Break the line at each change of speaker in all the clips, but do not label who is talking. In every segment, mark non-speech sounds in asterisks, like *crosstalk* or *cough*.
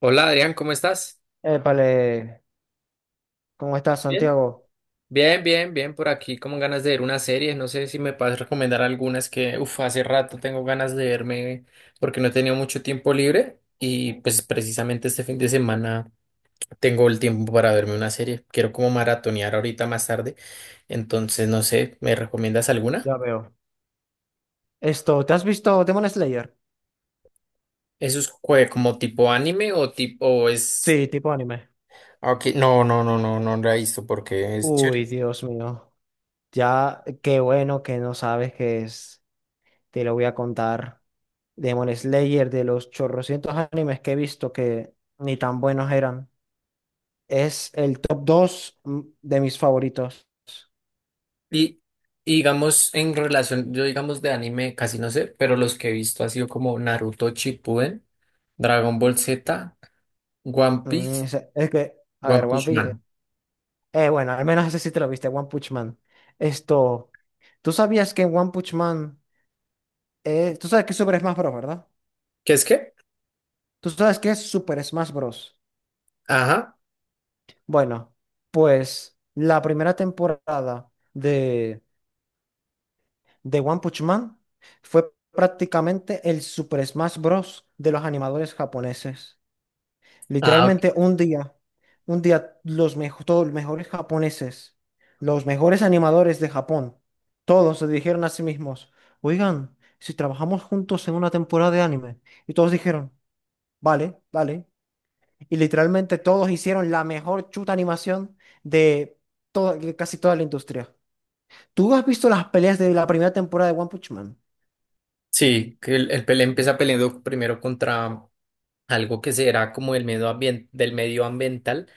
Hola Adrián, ¿cómo estás?
Épale, ¿cómo estás,
Bien.
Santiago?
Bien, bien, bien, por aquí como ganas de ver una serie, no sé si me puedes recomendar algunas que hace rato tengo ganas de verme porque no he tenido mucho tiempo libre y pues precisamente este fin de semana tengo el tiempo para verme una serie, quiero como maratonear ahorita más tarde, entonces no sé, ¿me recomiendas alguna?
Ya veo. Esto, ¿te has visto Demon Slayer?
¿Eso es como tipo anime o tipo o es...
Sí, tipo anime.
Ah, ok, no, no, no, no, no la he visto porque es
Uy,
chévere.
Dios mío. Ya, qué bueno que no sabes qué es. Te lo voy a contar. Demon Slayer, de los chorrocientos animes que he visto que ni tan buenos eran, es el top 2 de mis favoritos.
Y, y digamos, en relación, yo digamos de anime casi no sé, pero los que he visto ha sido como Naruto Shippuden, Dragon Ball Z, One
Mm,
Piece,
es que, a ver,
One
One
Punch
Piece.
Man.
Bueno, al menos ese sí te lo viste, One Punch Man. Esto, ¿tú sabías que en One Punch Man? Tú sabes qué es Super Smash Bros., ¿verdad?
¿Qué es qué?
Tú sabes qué es Super Smash Bros.
Ajá.
Bueno, pues la primera temporada de One Punch Man fue prácticamente el Super Smash Bros. De los animadores japoneses.
Ah, ok.
Literalmente un día todos los mejores japoneses, los mejores animadores de Japón, todos se dijeron a sí mismos, oigan, si trabajamos juntos en una temporada de anime. Y todos dijeron, vale, vale. Y literalmente todos hicieron la mejor chuta animación de de casi toda la industria. ¿Tú has visto las peleas de la primera temporada de One Punch Man?
Sí, que el pele empieza peleando primero contra algo que será como el del medio ambiental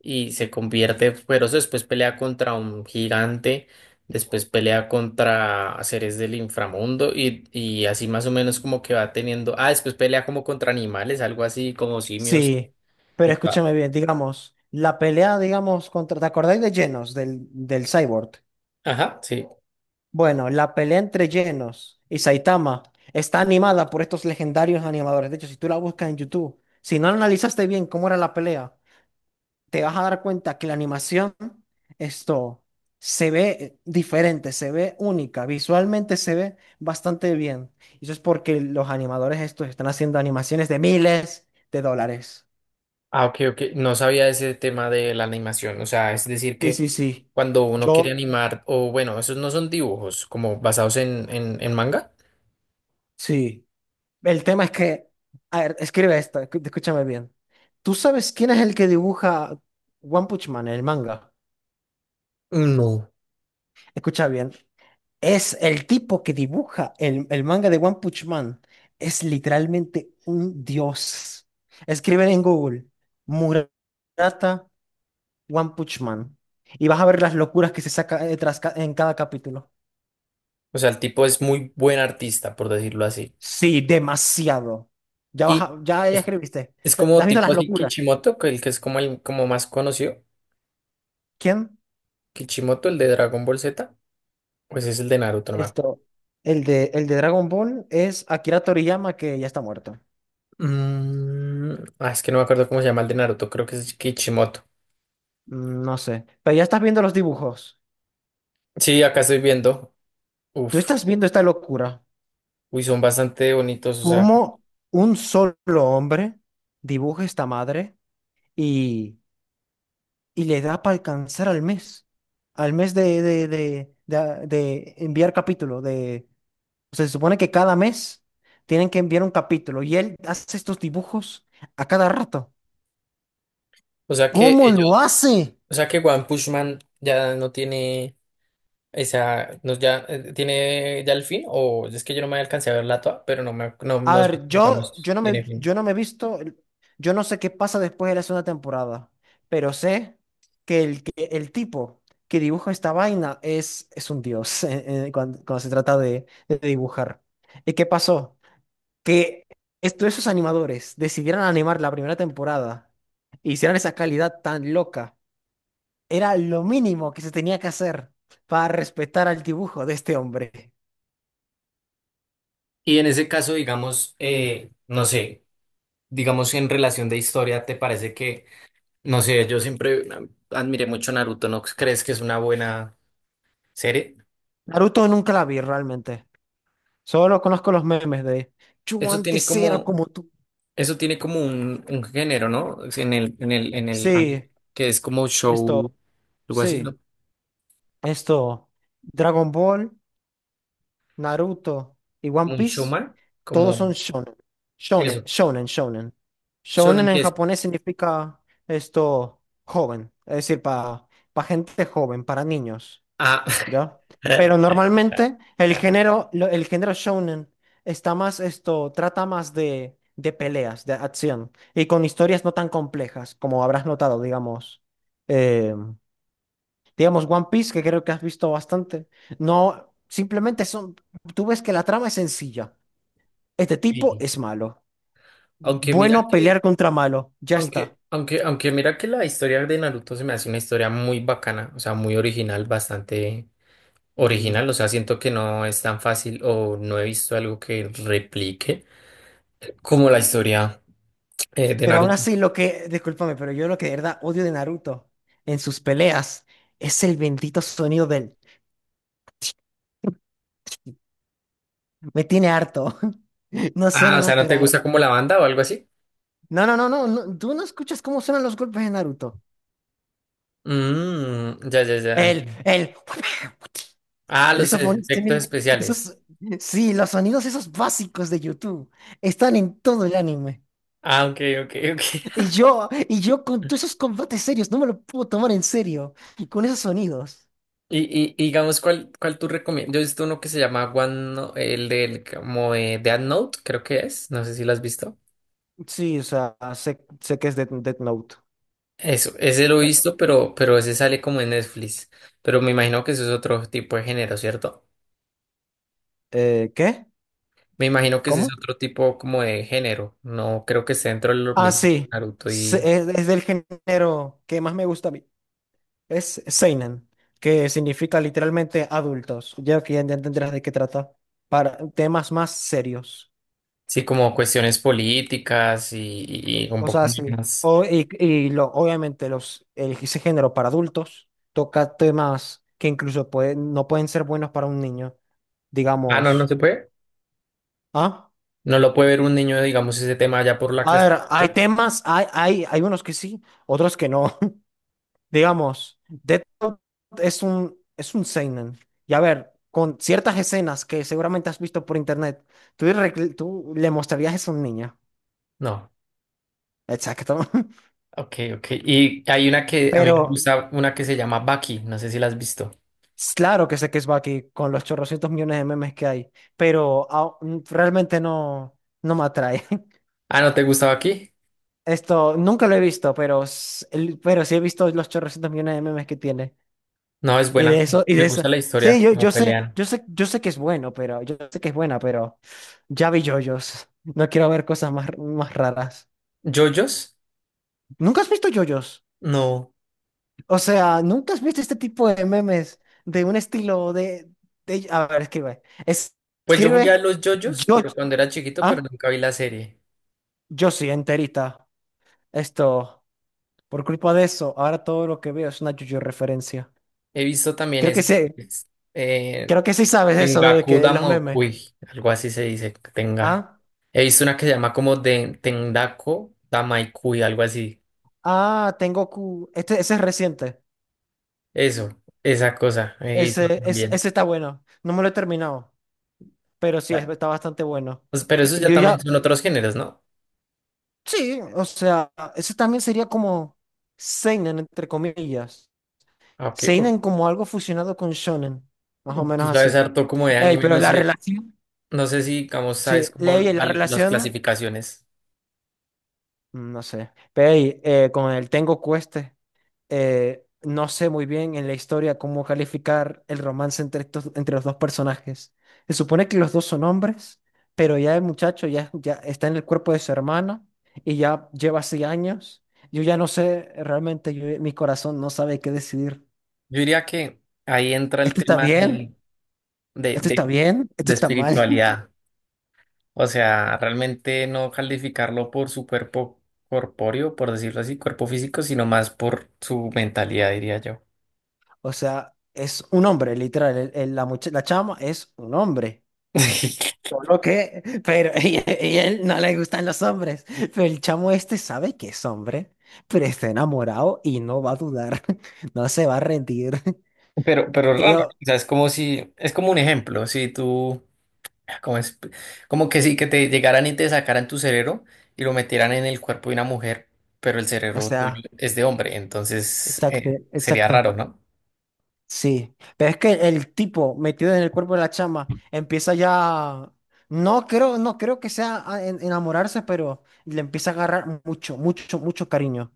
y se convierte, pero después pelea contra un gigante, después pelea contra seres del inframundo y así más o menos como que va teniendo. Ah, después pelea como contra animales, algo así como simios
Sí,
y
pero
tal.
escúchame bien, digamos, la pelea, digamos, contra, ¿te acordáis de Genos, del Cyborg?
Ajá, sí.
Bueno, la pelea entre Genos y Saitama está animada por estos legendarios animadores. De hecho, si tú la buscas en YouTube, si no analizaste bien cómo era la pelea, te vas a dar cuenta que la animación, esto, se ve diferente, se ve única, visualmente se ve bastante bien. Y eso es porque los animadores estos están haciendo animaciones de miles de dólares.
Ah, ok, ok. No sabía ese tema de la animación. O sea, es decir
Sí,
que
sí, sí.
cuando uno
Yo,
quiere animar, o bueno, esos no son dibujos como basados en, en manga.
sí. El tema es que, a ver, escribe esto, escúchame bien. ¿Tú sabes quién es el que dibuja One Punch Man, el manga?
No.
Escucha bien. Es el tipo que dibuja el manga de One Punch Man. Es literalmente un dios. Escriben en Google Murata One Punch Man y vas a ver las locuras que se saca en cada capítulo.
O sea, el tipo es muy buen artista, por decirlo así.
Sí, demasiado. Ya vas
Y
a- ya, ya escribiste.
es
Te- te
como
¿Has visto
tipo
las
así
locuras?
Kishimoto, que el que es como el como más conocido.
¿Quién?
Kishimoto, el de Dragon Ball Z. Pues es el de Naruto, no me acuerdo.
Esto. El de Dragon Ball es Akira Toriyama, que ya está muerto.
Mm, ah, es que no me acuerdo cómo se llama el de Naruto, creo que es Kishimoto.
Mm, no sé. Pero ya estás viendo los dibujos.
Sí, acá estoy viendo.
Tú
Uf,
estás viendo esta locura.
uy, son bastante bonitos.
¿Cómo un solo hombre dibuja esta madre y, y le da para alcanzar al mes? Al mes de enviar capítulo. De, o sea, se supone que cada mes tienen que enviar un capítulo y él hace estos dibujos a cada rato.
O sea que
¿Cómo lo
ellos,
hace?
o sea que One Punch Man ya no tiene esa, no, ya tiene ya el fin, o es que yo no me alcancé a ver la toa, pero no me, no,
A
no sé,
ver, yo,
digamos,
yo no
tiene
me,
fin.
yo no me he visto, yo no sé qué pasa después de la segunda temporada, pero sé que el tipo que dibuja esta vaina es un dios *laughs* cuando se trata de dibujar. ¿Y qué pasó? Que esto, esos animadores decidieran animar la primera temporada e hicieran esa calidad tan loca. Era lo mínimo que se tenía que hacer para respetar al dibujo de este hombre.
Y en ese caso, digamos, no sé. Digamos, en relación de historia, ¿te parece que, no sé, yo siempre admiré mucho Naruto, ¿no crees que es una buena serie?
Naruto nunca la vi realmente. Solo conozco los memes de yo
Eso tiene
antes era
como,
como tú.
eso tiene como un género, ¿no? Es en el, en el, en el anime,
Sí,
que es como show,
esto,
algo así,
sí,
¿no?
esto. Dragon Ball, Naruto y One
Como un
Piece,
showman,
todos son
como
shonen. Shonen,
eso,
shonen, shonen.
shonen
Shonen
que
en
es,
japonés significa joven, es decir, para gente joven, para niños.
ah,
¿Ya? Pero
*laughs*
normalmente el género, el género shounen está más esto, trata más de peleas, de acción, y con historias no tan complejas, como habrás notado, digamos. eh, digamos One Piece, que creo que has visto bastante. No, simplemente son, tú ves que la trama es sencilla. Este tipo
Y
es malo.
aunque mira
Bueno,
que,
pelear contra malo, ya está.
aunque, aunque, aunque mira que la historia de Naruto se me hace una historia muy bacana, o sea, muy original, bastante original, o sea, siento que no es tan fácil o no he visto algo que replique como la historia de
Pero aún
Naruto.
así, lo que, discúlpame, pero yo lo que de verdad odio de Naruto en sus peleas es el bendito sonido del... *laughs* Me tiene harto, *laughs* no
Ah, o
suena
sea, ¿no te gusta
natural.
como la banda o algo así?
No, no, no, no, no, tú no escuchas cómo suenan los golpes de Naruto.
Mm, ya, ya, ya.
El... *laughs*
Ah,
El
los
esofonista,
efectos
mira,
especiales.
esos... Sí, los sonidos esos básicos de YouTube están en todo el anime.
Ah, ok, ok, ok. *laughs*
Y yo con todos esos combates serios, no me lo puedo tomar en serio. Con esos sonidos.
Y digamos, ¿cuál, cuál tú recomiendas? Yo he visto uno que se llama One, el del como de Death Note, creo que es. No sé si lo has visto.
Sí, o sea, sé, sé que es Death Note.
Eso, ese lo he visto, pero ese sale como en Netflix. Pero me imagino que eso es otro tipo de género, ¿cierto?
¿Qué?
Me imagino que ese es
¿Cómo?
otro tipo como de género. No creo que esté dentro de lo
Ah,
mismo que
sí.
Naruto
Se-
y
Es del género que más me gusta a mí. Es Seinen, que significa literalmente adultos. Ya que ya entenderás de qué trata. Para temas más serios.
sí, como cuestiones políticas y un poco
Cosas así.
más.
O, y lo, obviamente ese género para adultos toca temas que incluso no pueden ser buenos para un niño.
Ah, no, no
Digamos.
se puede.
¿Ah?
No lo puede ver un niño, digamos, ese tema allá por la
A ver, hay
clasificación.
temas, hay unos que sí, otros que no. Digamos, Death Note es un seinen. Y a ver, con ciertas escenas que seguramente has visto por internet, tú le mostrarías eso a un niño.
No.
Exacto. *laughs*
Ok, ok. Y hay una que a mí
Pero
me gusta, una que se llama Baki. No sé si la has visto.
claro que sé que es Baki con los chorrocientos millones de memes que hay, pero realmente no, no me atrae. *laughs*
Ah, ¿no te gusta Baki?
Esto nunca lo he visto, pero, pero sí he visto los chorrocientos millones de memes que tiene.
No, es
Y de
buena.
eso, y
Me
de eso.
gusta la
Sí,
historia,
yo,
como
yo sé,
pelean.
yo sé, yo sé que es bueno, pero yo sé que es buena, pero ya vi yoyos. No quiero ver cosas más raras.
¿Yoyos?
¿Nunca has visto yoyos?
No.
O sea, ¿nunca has visto este tipo de memes de un estilo A ver, escribe.
Pues yo jugué a
Escribe
los yoyos,
yo,
pero cuando era chiquito, pero
ah,
nunca vi la serie.
yo sí, enterita. Esto, por culpa de eso, ahora todo lo que veo es una yoyo referencia.
He visto también
Creo
eso,
que sí,
que es,
creo que sí sabes eso de
Tengaku
que los memes.
Damokui, algo así se dice, tenga.
¿Ah?
He visto una que se llama como de Tendako Damaikui, algo así.
Ah, tengo Q. Este, ese es reciente.
Eso, esa cosa, he visto
Ese,
también.
ese está bueno. No me lo he terminado, pero sí,
Bueno,
está bastante bueno.
pues, pero esos
Y
ya
yo ya,
también son otros géneros, ¿no?
sí, o sea, ese también sería como seinen, entre comillas.
Ah, ok, ok.
Seinen como algo fusionado con shonen, más o
Tú
menos
sabes
así.
harto como de
Ey,
anime,
pero
no
la
sé,
relación,
no sé si, digamos, sabes
sí,
como
ley, la
las
relación,
clasificaciones.
no sé. Pero ey, con el Tengoku este. No sé muy bien en la historia cómo calificar el romance entre entre los dos personajes. Se supone que los dos son hombres, pero ya el muchacho ya está en el cuerpo de su hermana y ya lleva así años. Yo ya no sé, realmente mi corazón no sabe qué decidir.
Yo diría que ahí entra el
¿Esto está
tema
bien?
de,
¿Esto está
de
bien? ¿Esto
de
está mal? *laughs*
espiritualidad. O sea, realmente no calificarlo por su cuerpo corpóreo, por decirlo así, cuerpo físico, sino más por su mentalidad, diría yo.
O sea, es un hombre, literal. La chama es un hombre.
*laughs*
Solo que, pero *laughs* y él no le gustan los hombres. Pero el chamo este sabe que es hombre, pero está enamorado y no va a dudar, *laughs* no se va a rendir. *laughs*
Pero
Y
raro, o
yo,
sea, es como si, es como un ejemplo, si tú, como, es, como que sí, que te llegaran y te sacaran tu cerebro y lo metieran en el cuerpo de una mujer, pero el
o
cerebro tuyo
sea,
es de hombre, entonces
exacto,
sería
exacto.
raro, ¿no?
Sí, pero es que el tipo metido en el cuerpo de la chama empieza ya, no creo que sea enamorarse, pero le empieza a agarrar mucho, mucho, mucho cariño.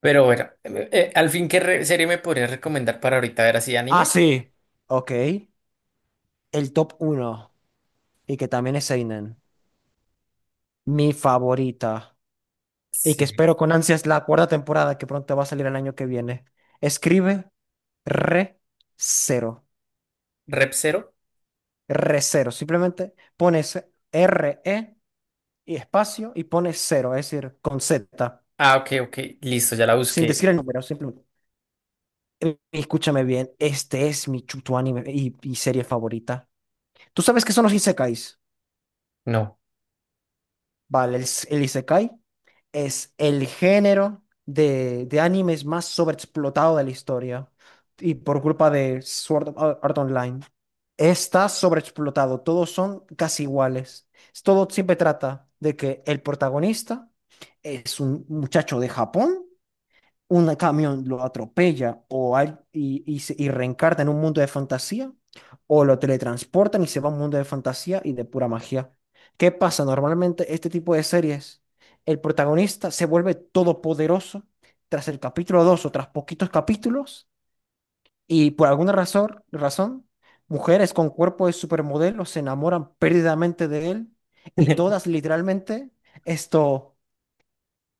Pero bueno, al fin, ¿qué serie me podrías recomendar para ahorita ver así
Ah,
anime?
sí. Ok, el top uno y que también es Seinen, mi favorita. Y que
Sí,
espero con ansias la cuarta temporada que pronto va a salir el año que viene. Escribe re cero,
Rep Zero.
re cero. Simplemente pones r e y espacio y pones cero, es decir, con Z,
Ah, ok, ok, listo, ya la
sin
busqué.
decir el número, simplemente. Escúchame bien, este es mi chuto anime y serie favorita. ¿Tú sabes qué son los isekais?
No.
Vale, el Isekai es el género de animes más sobreexplotado de la historia. Y por culpa de Sword Art Online. Está sobreexplotado. Todos son casi iguales. Todo siempre trata de que el protagonista es un muchacho de Japón, un camión lo atropella, o y reencarna en un mundo de fantasía, o lo teletransportan y se va a un mundo de fantasía y de pura magia. ¿Qué pasa? Normalmente este tipo de series, el protagonista se vuelve todopoderoso tras el capítulo 2 o tras poquitos capítulos y por alguna razón, mujeres con cuerpo de supermodelo se enamoran perdidamente de él y todas
*laughs*
literalmente esto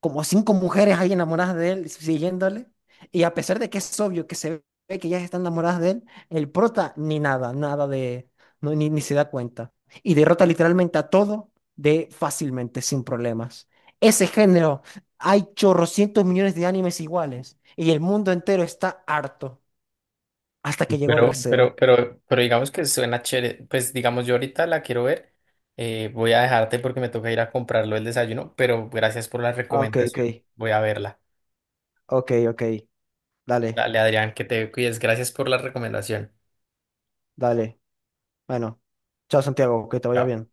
como cinco mujeres ahí enamoradas de él, siguiéndole. Y a pesar de que es obvio que se ve que ellas están enamoradas de él, el prota ni nada, nada de, no, ni se da cuenta. Y derrota literalmente a todo de fácilmente, sin problemas. Ese género, hay chorrocientos millones de animes iguales y el mundo entero está harto hasta que llegó Re:Zero.
Pero digamos que suena chévere. Pues digamos, yo ahorita la quiero ver. Voy a dejarte porque me toca ir a comprarlo el desayuno, pero gracias por la
Ah, ok, ok,
recomendación. Voy a verla.
ok, ok. Dale,
Dale, Adrián, que te cuides. Gracias por la recomendación.
dale. Bueno, chao Santiago, que te vaya
Chao.
bien.